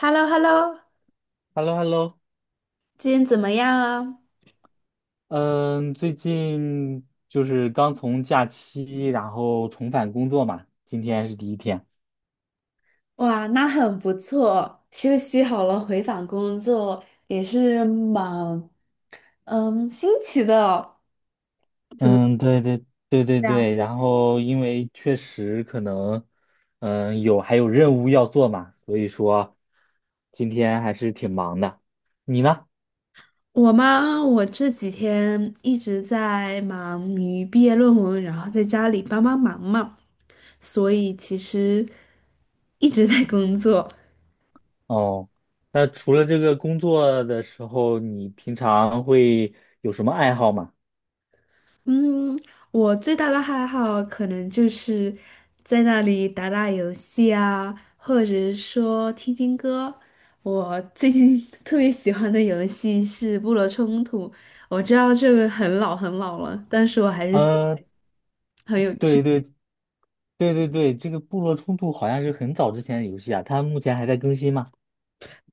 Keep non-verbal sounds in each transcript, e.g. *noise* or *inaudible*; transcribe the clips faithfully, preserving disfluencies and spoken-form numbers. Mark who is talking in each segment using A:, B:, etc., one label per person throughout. A: h e l l o h e l l o
B: Hello,Hello,
A: 今天怎么样啊？
B: 嗯，最近就是刚从假期，然后重返工作嘛，今天是第一天。
A: 哇，那很不错，休息好了回访工作也是蛮嗯新奇的。怎么
B: 嗯，对对对对对，然后因为确实可能，嗯，有还有任务要做嘛，所以说今天还是挺忙的。你呢？
A: 我吗？我这几天一直在忙于毕业论文，然后在家里帮帮忙嘛，所以其实一直在工作。
B: 哦，那除了这个工作的时候，你平常会有什么爱好吗？
A: 嗯，我最大的爱好可能就是在那里打打游戏啊，或者是说听听歌。我最近 *laughs* 特别喜欢的游戏是《部落冲突》，我知道这个很老很老了，但是我还是。
B: 嗯，
A: 很有趣。
B: 对对对对对，这个部落冲突好像是很早之前的游戏啊，它目前还在更新吗？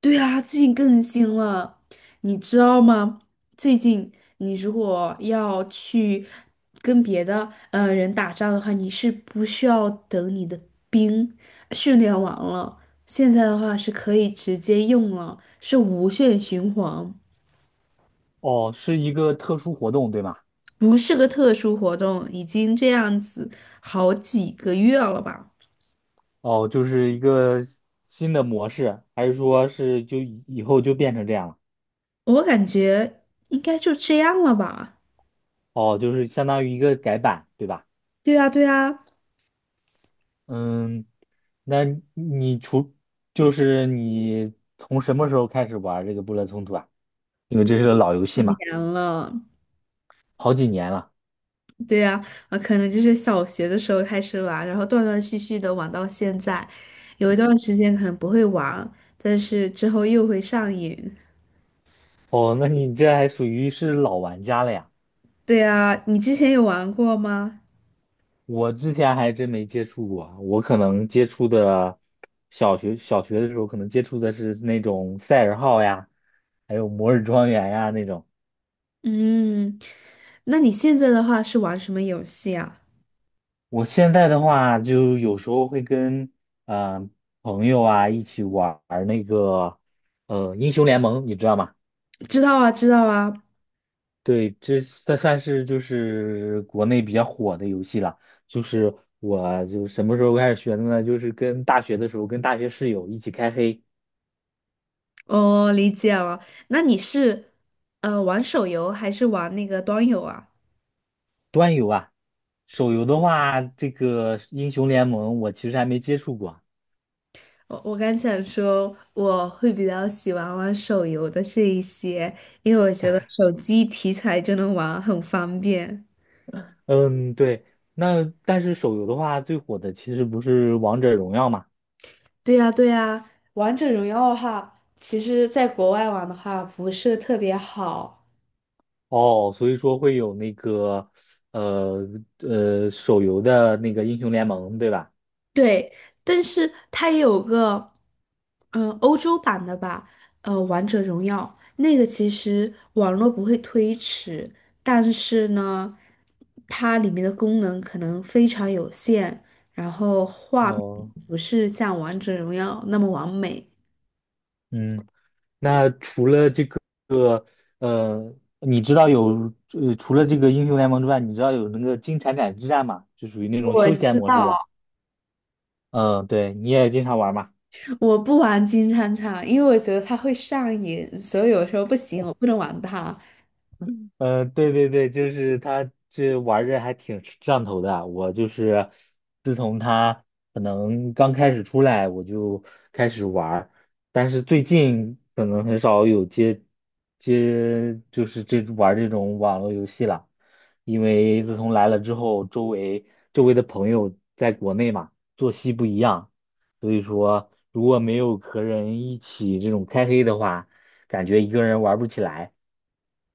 A: 对啊，最近更新了，你知道吗？最近你如果要去跟别的呃人打仗的话，你是不需要等你的兵训练完了，现在的话是可以直接用了，是无限循环，
B: 哦，是一个特殊活动，对吗？
A: 不是个特殊活动，已经这样子好几个月了吧？
B: 哦，就是一个新的模式，还是说是就以以后就变成这样了？
A: 我感觉应该就这样了吧？
B: 哦，就是相当于一个改版，对吧？
A: 对啊，对啊。
B: 嗯，那你除就是你从什么时候开始玩这个部落冲突啊？因为这是个老游戏
A: 年
B: 嘛，
A: 了。
B: 好几年了。
A: 对呀，啊，呃可能就是小学的时候开始玩，然后断断续续的玩到现在，有一段时间可能不会玩，但是之后又会上瘾。
B: 哦，那你这还属于是老玩家了呀？
A: 对呀，你之前有玩过吗？
B: 我之前还真没接触过啊，我可能接触的小学小学的时候，可能接触的是那种赛尔号呀，还有摩尔庄园呀那种。
A: 嗯，那你现在的话是玩什么游戏啊？
B: 我现在的话，就有时候会跟嗯、呃朋友啊一起玩儿那个呃英雄联盟，你知道吗？
A: 知道啊，知道啊。
B: 对，这算算是就是国内比较火的游戏了。就是我就什么时候开始学的呢？就是跟大学的时候，跟大学室友一起开黑。
A: 哦，理解了。那你是呃玩手游还是玩那个端游啊？
B: 端游啊，手游的话，这个英雄联盟我其实还没接触过。
A: 我我刚想说，我会比较喜欢玩手游的这一些，因为我觉得手机题材就能玩，很方便。
B: 嗯，对，那但是手游的话，最火的其实不是王者荣耀嘛？
A: 对呀，对呀，王者荣耀的话，其实在国外玩的话不是特别好。
B: 哦，所以说会有那个呃呃手游的那个英雄联盟，对吧？
A: 对，但是它也有个，嗯、欧洲版的吧，呃，《王者荣耀》那个其实网络不会推迟，但是呢，它里面的功能可能非常有限，然后画面
B: 哦，
A: 不是像《王者荣耀》那么完美。
B: 嗯，那除呃，你知道有呃除了这个英雄联盟之外，你知道有那个金铲铲之战吗？就属于那种
A: 我
B: 休闲
A: 知
B: 模式的。
A: 道。
B: 嗯，对，你也经常玩嘛？
A: 我不玩金铲铲，因为我觉得它会上瘾，所以有时候不行，我不能玩它。
B: 嗯，对对对，就是他这玩着还挺上头的啊。我就是自从他可能刚开始出来，我就开始玩儿，但是最近可能很少有接接就是这玩儿这种网络游戏了，因为自从来了之后，周围周围的朋友在国内嘛，作息不一样，所以说如果没有和人一起这种开黑的话，感觉一个人玩不起来。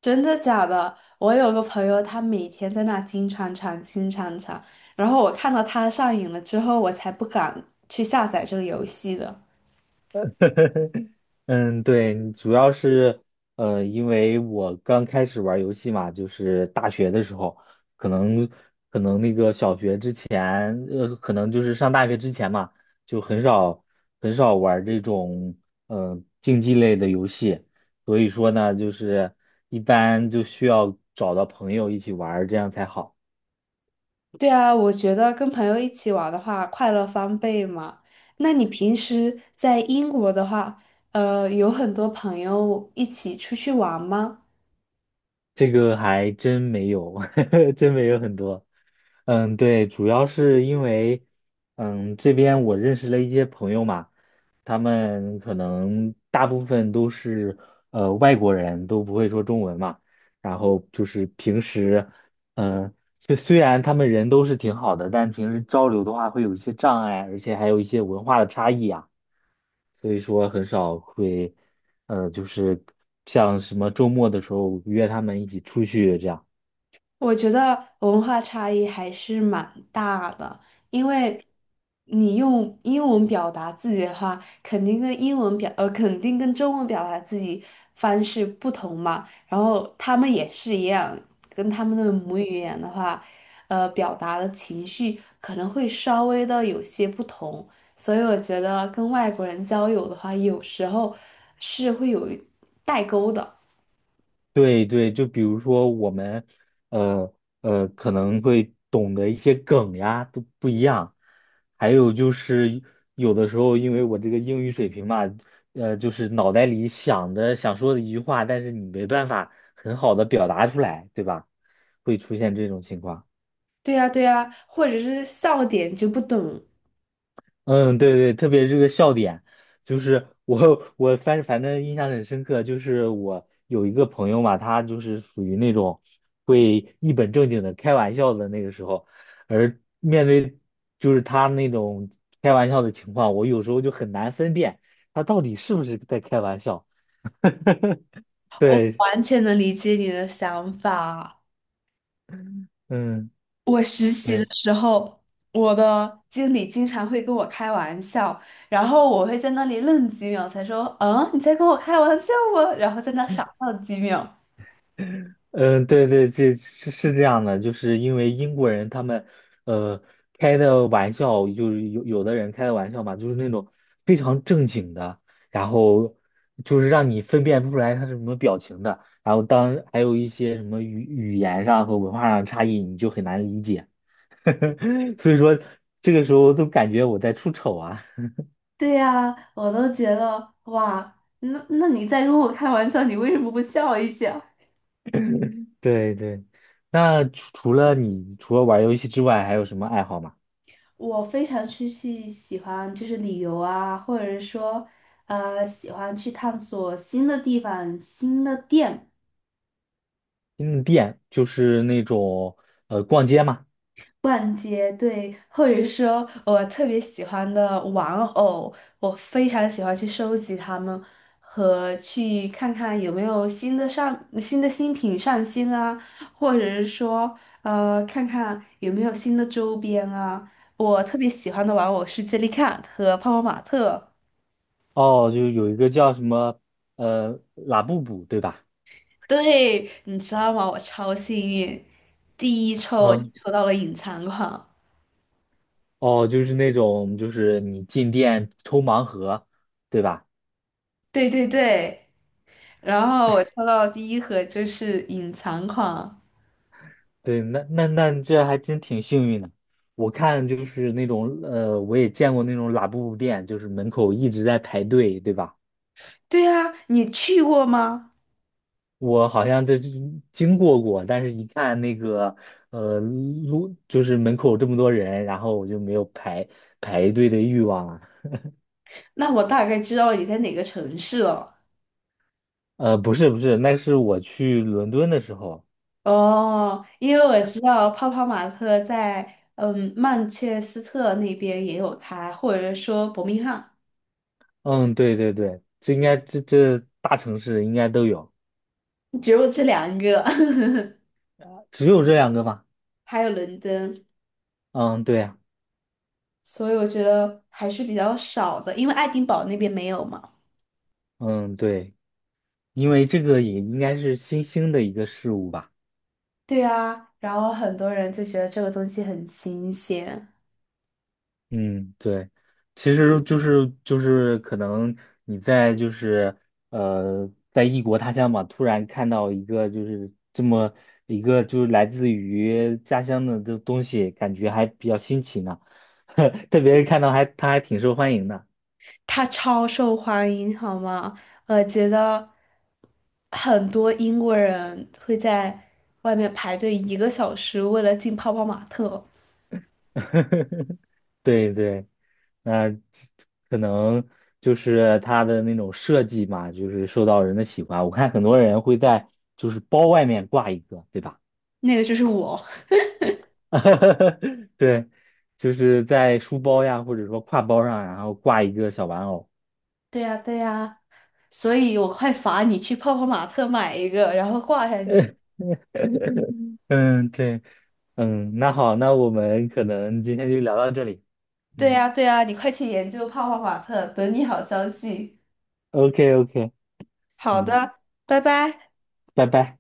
A: 真的假的？我有个朋友，他每天在那金铲铲、金铲铲，然后我看到他上瘾了之后，我才不敢去下载这个游戏的。
B: *laughs* 嗯，对，主要是呃，因为我刚开始玩游戏嘛，就是大学的时候，可能可能小学之前，呃，可能就是上大学之前嘛，就很少很少玩这种呃竞技类的游戏，所以说呢，就是一般就需要找到朋友一起玩儿这样才好。
A: 对啊，我觉得跟朋友一起玩的话，快乐翻倍嘛。那你平时在英国的话，呃，有很多朋友一起出去玩吗？
B: 这个还真没有，*laughs* 真没有很多。嗯，对，主要是因为，嗯，这边我认识了一些朋友嘛，他们可能大部分都是呃外国人，都不会说中文嘛，然后就是平时，嗯，虽虽然他们人都是挺好的，但平时交流的话会有一些障碍，而且还有一些文化的差异啊。所以说很少会，呃，就是像什么周末的时候约他们一起出去这样。
A: 我觉得文化差异还是蛮大的，因为你用英文表达自己的话，肯定跟英文表，呃，肯定跟中文表达自己方式不同嘛。然后他们也是一样，跟他们的母语言的话，呃，表达的情绪可能会稍微的有些不同。所以我觉得跟外国人交友的话，有时候是会有代沟的。
B: 对对，就比如说我们，呃呃，可能会懂得一些梗呀，都不一样。还有就是有的时候，因为我这个英语水平嘛，呃，就是脑袋里想的想说的一句话，但是你没办法很好的表达出来，对吧？会出现这种情况。
A: 对呀，对呀，或者是笑点就不懂。
B: 嗯，对对，特别这个笑点，就是我我反反正印象很深刻，就是我有一个朋友嘛，他就是属于那种会一本正经的开玩笑的那个时候，而面对就是他那种开玩笑的情况，我有时候就很难分辨他到底是不是在开玩笑。*laughs*
A: 我
B: 对，
A: 完全能理解你的想法。
B: 嗯，
A: 我实习
B: 对。
A: 的时候，我的经理经常会跟我开玩笑，然后我会在那里愣几秒，才说："嗯，你在跟我开玩笑吗？"然后在那傻笑几秒。
B: 嗯，对对，这是是这样的，就是因为英国人他们，呃，开的玩笑就是有有的人开的玩笑嘛，就是那种非常正经的，然后就是让你分辨不出来他是什么表情的，然后当还有一些什么语语言上和文化上的差异，你就很难理解，*laughs* 所以说这个时候都感觉我在出丑啊。*laughs*
A: 对呀，我都觉得哇，那那你在跟我开玩笑，你为什么不笑一下？
B: 对对，那除除了你除了玩游戏之外，还有什么爱好吗？
A: 我非常去去喜欢就是旅游啊，或者说呃喜欢去探索新的地方、新的店。
B: 新的店就是那种呃逛街嘛，
A: 逛街，对，或者说我特别喜欢的玩偶，我非常喜欢去收集它们，和去看看有没有新的上新的新品上新啊，或者是说呃看看有没有新的周边啊。我特别喜欢的玩偶是杰 e 卡和泡泡玛特。
B: 哦，就有一个叫什么呃拉布布对吧？
A: 对，你知道吗？我超幸运，第一抽我就
B: 嗯，
A: 抽到了隐藏款。
B: 哦，就是那种就是你进店抽盲盒对吧？
A: 对对对。然后我抽到的第一盒就是隐藏款。
B: 对，那那那这还真挺幸运的。我看就是那种呃，我也见过那种拉布布店，就是门口一直在排队对吧？
A: 对啊，你去过吗？
B: 我好像这经过过，但是一看那个呃路，就是门口这么多人，然后我就没有排排队的欲望了。
A: 那我大概知道你在哪个城市了。
B: 呃，不是不是，那是我去伦敦的时候。
A: 哦，因为我知道泡泡玛特在嗯曼彻斯特那边也有开，或者说伯明翰，
B: 嗯，对对对，这应该这这大城市应该都有，
A: 只有这两个。*laughs*
B: 只有这两个吧？
A: 还有伦敦，
B: 嗯，对呀，
A: 所以我觉得还是比较少的，因为爱丁堡那边没有嘛。
B: 嗯对，因为这个也应该是新兴的一个事物吧。
A: 对啊，然后很多人就觉得这个东西很新鲜。
B: 嗯，对，其实就是就是可能你在就是呃在异国他乡嘛，突然看到一个就是这么一个就是来自于家乡的这东西，感觉还比较新奇呢，*laughs* 特别是看到还他还挺受欢迎的。
A: 它超受欢迎，好吗？我觉得很多英国人会在外面排队一个小时，为了进泡泡玛特。
B: *laughs* 对对，那可能就是它的那种设计嘛，就是受到人的喜欢。我看很多人会在就是包外面挂一个，对吧？
A: 那个就是我。
B: *laughs* 哈哈哈，对，就是在书包呀，或者说挎包上，然后挂一个小玩偶。
A: *laughs* 对呀，对呀，所以我快罚你去泡泡玛特买一个，然后挂上去。
B: *laughs* 嗯，对，嗯，那好，那我们可能今天就聊到这里。
A: 对
B: 嗯
A: 呀，对呀，你快去研究泡泡玛特，等你好消息。
B: ，O K O K,
A: 好
B: 嗯，
A: 的，拜拜。
B: 拜拜。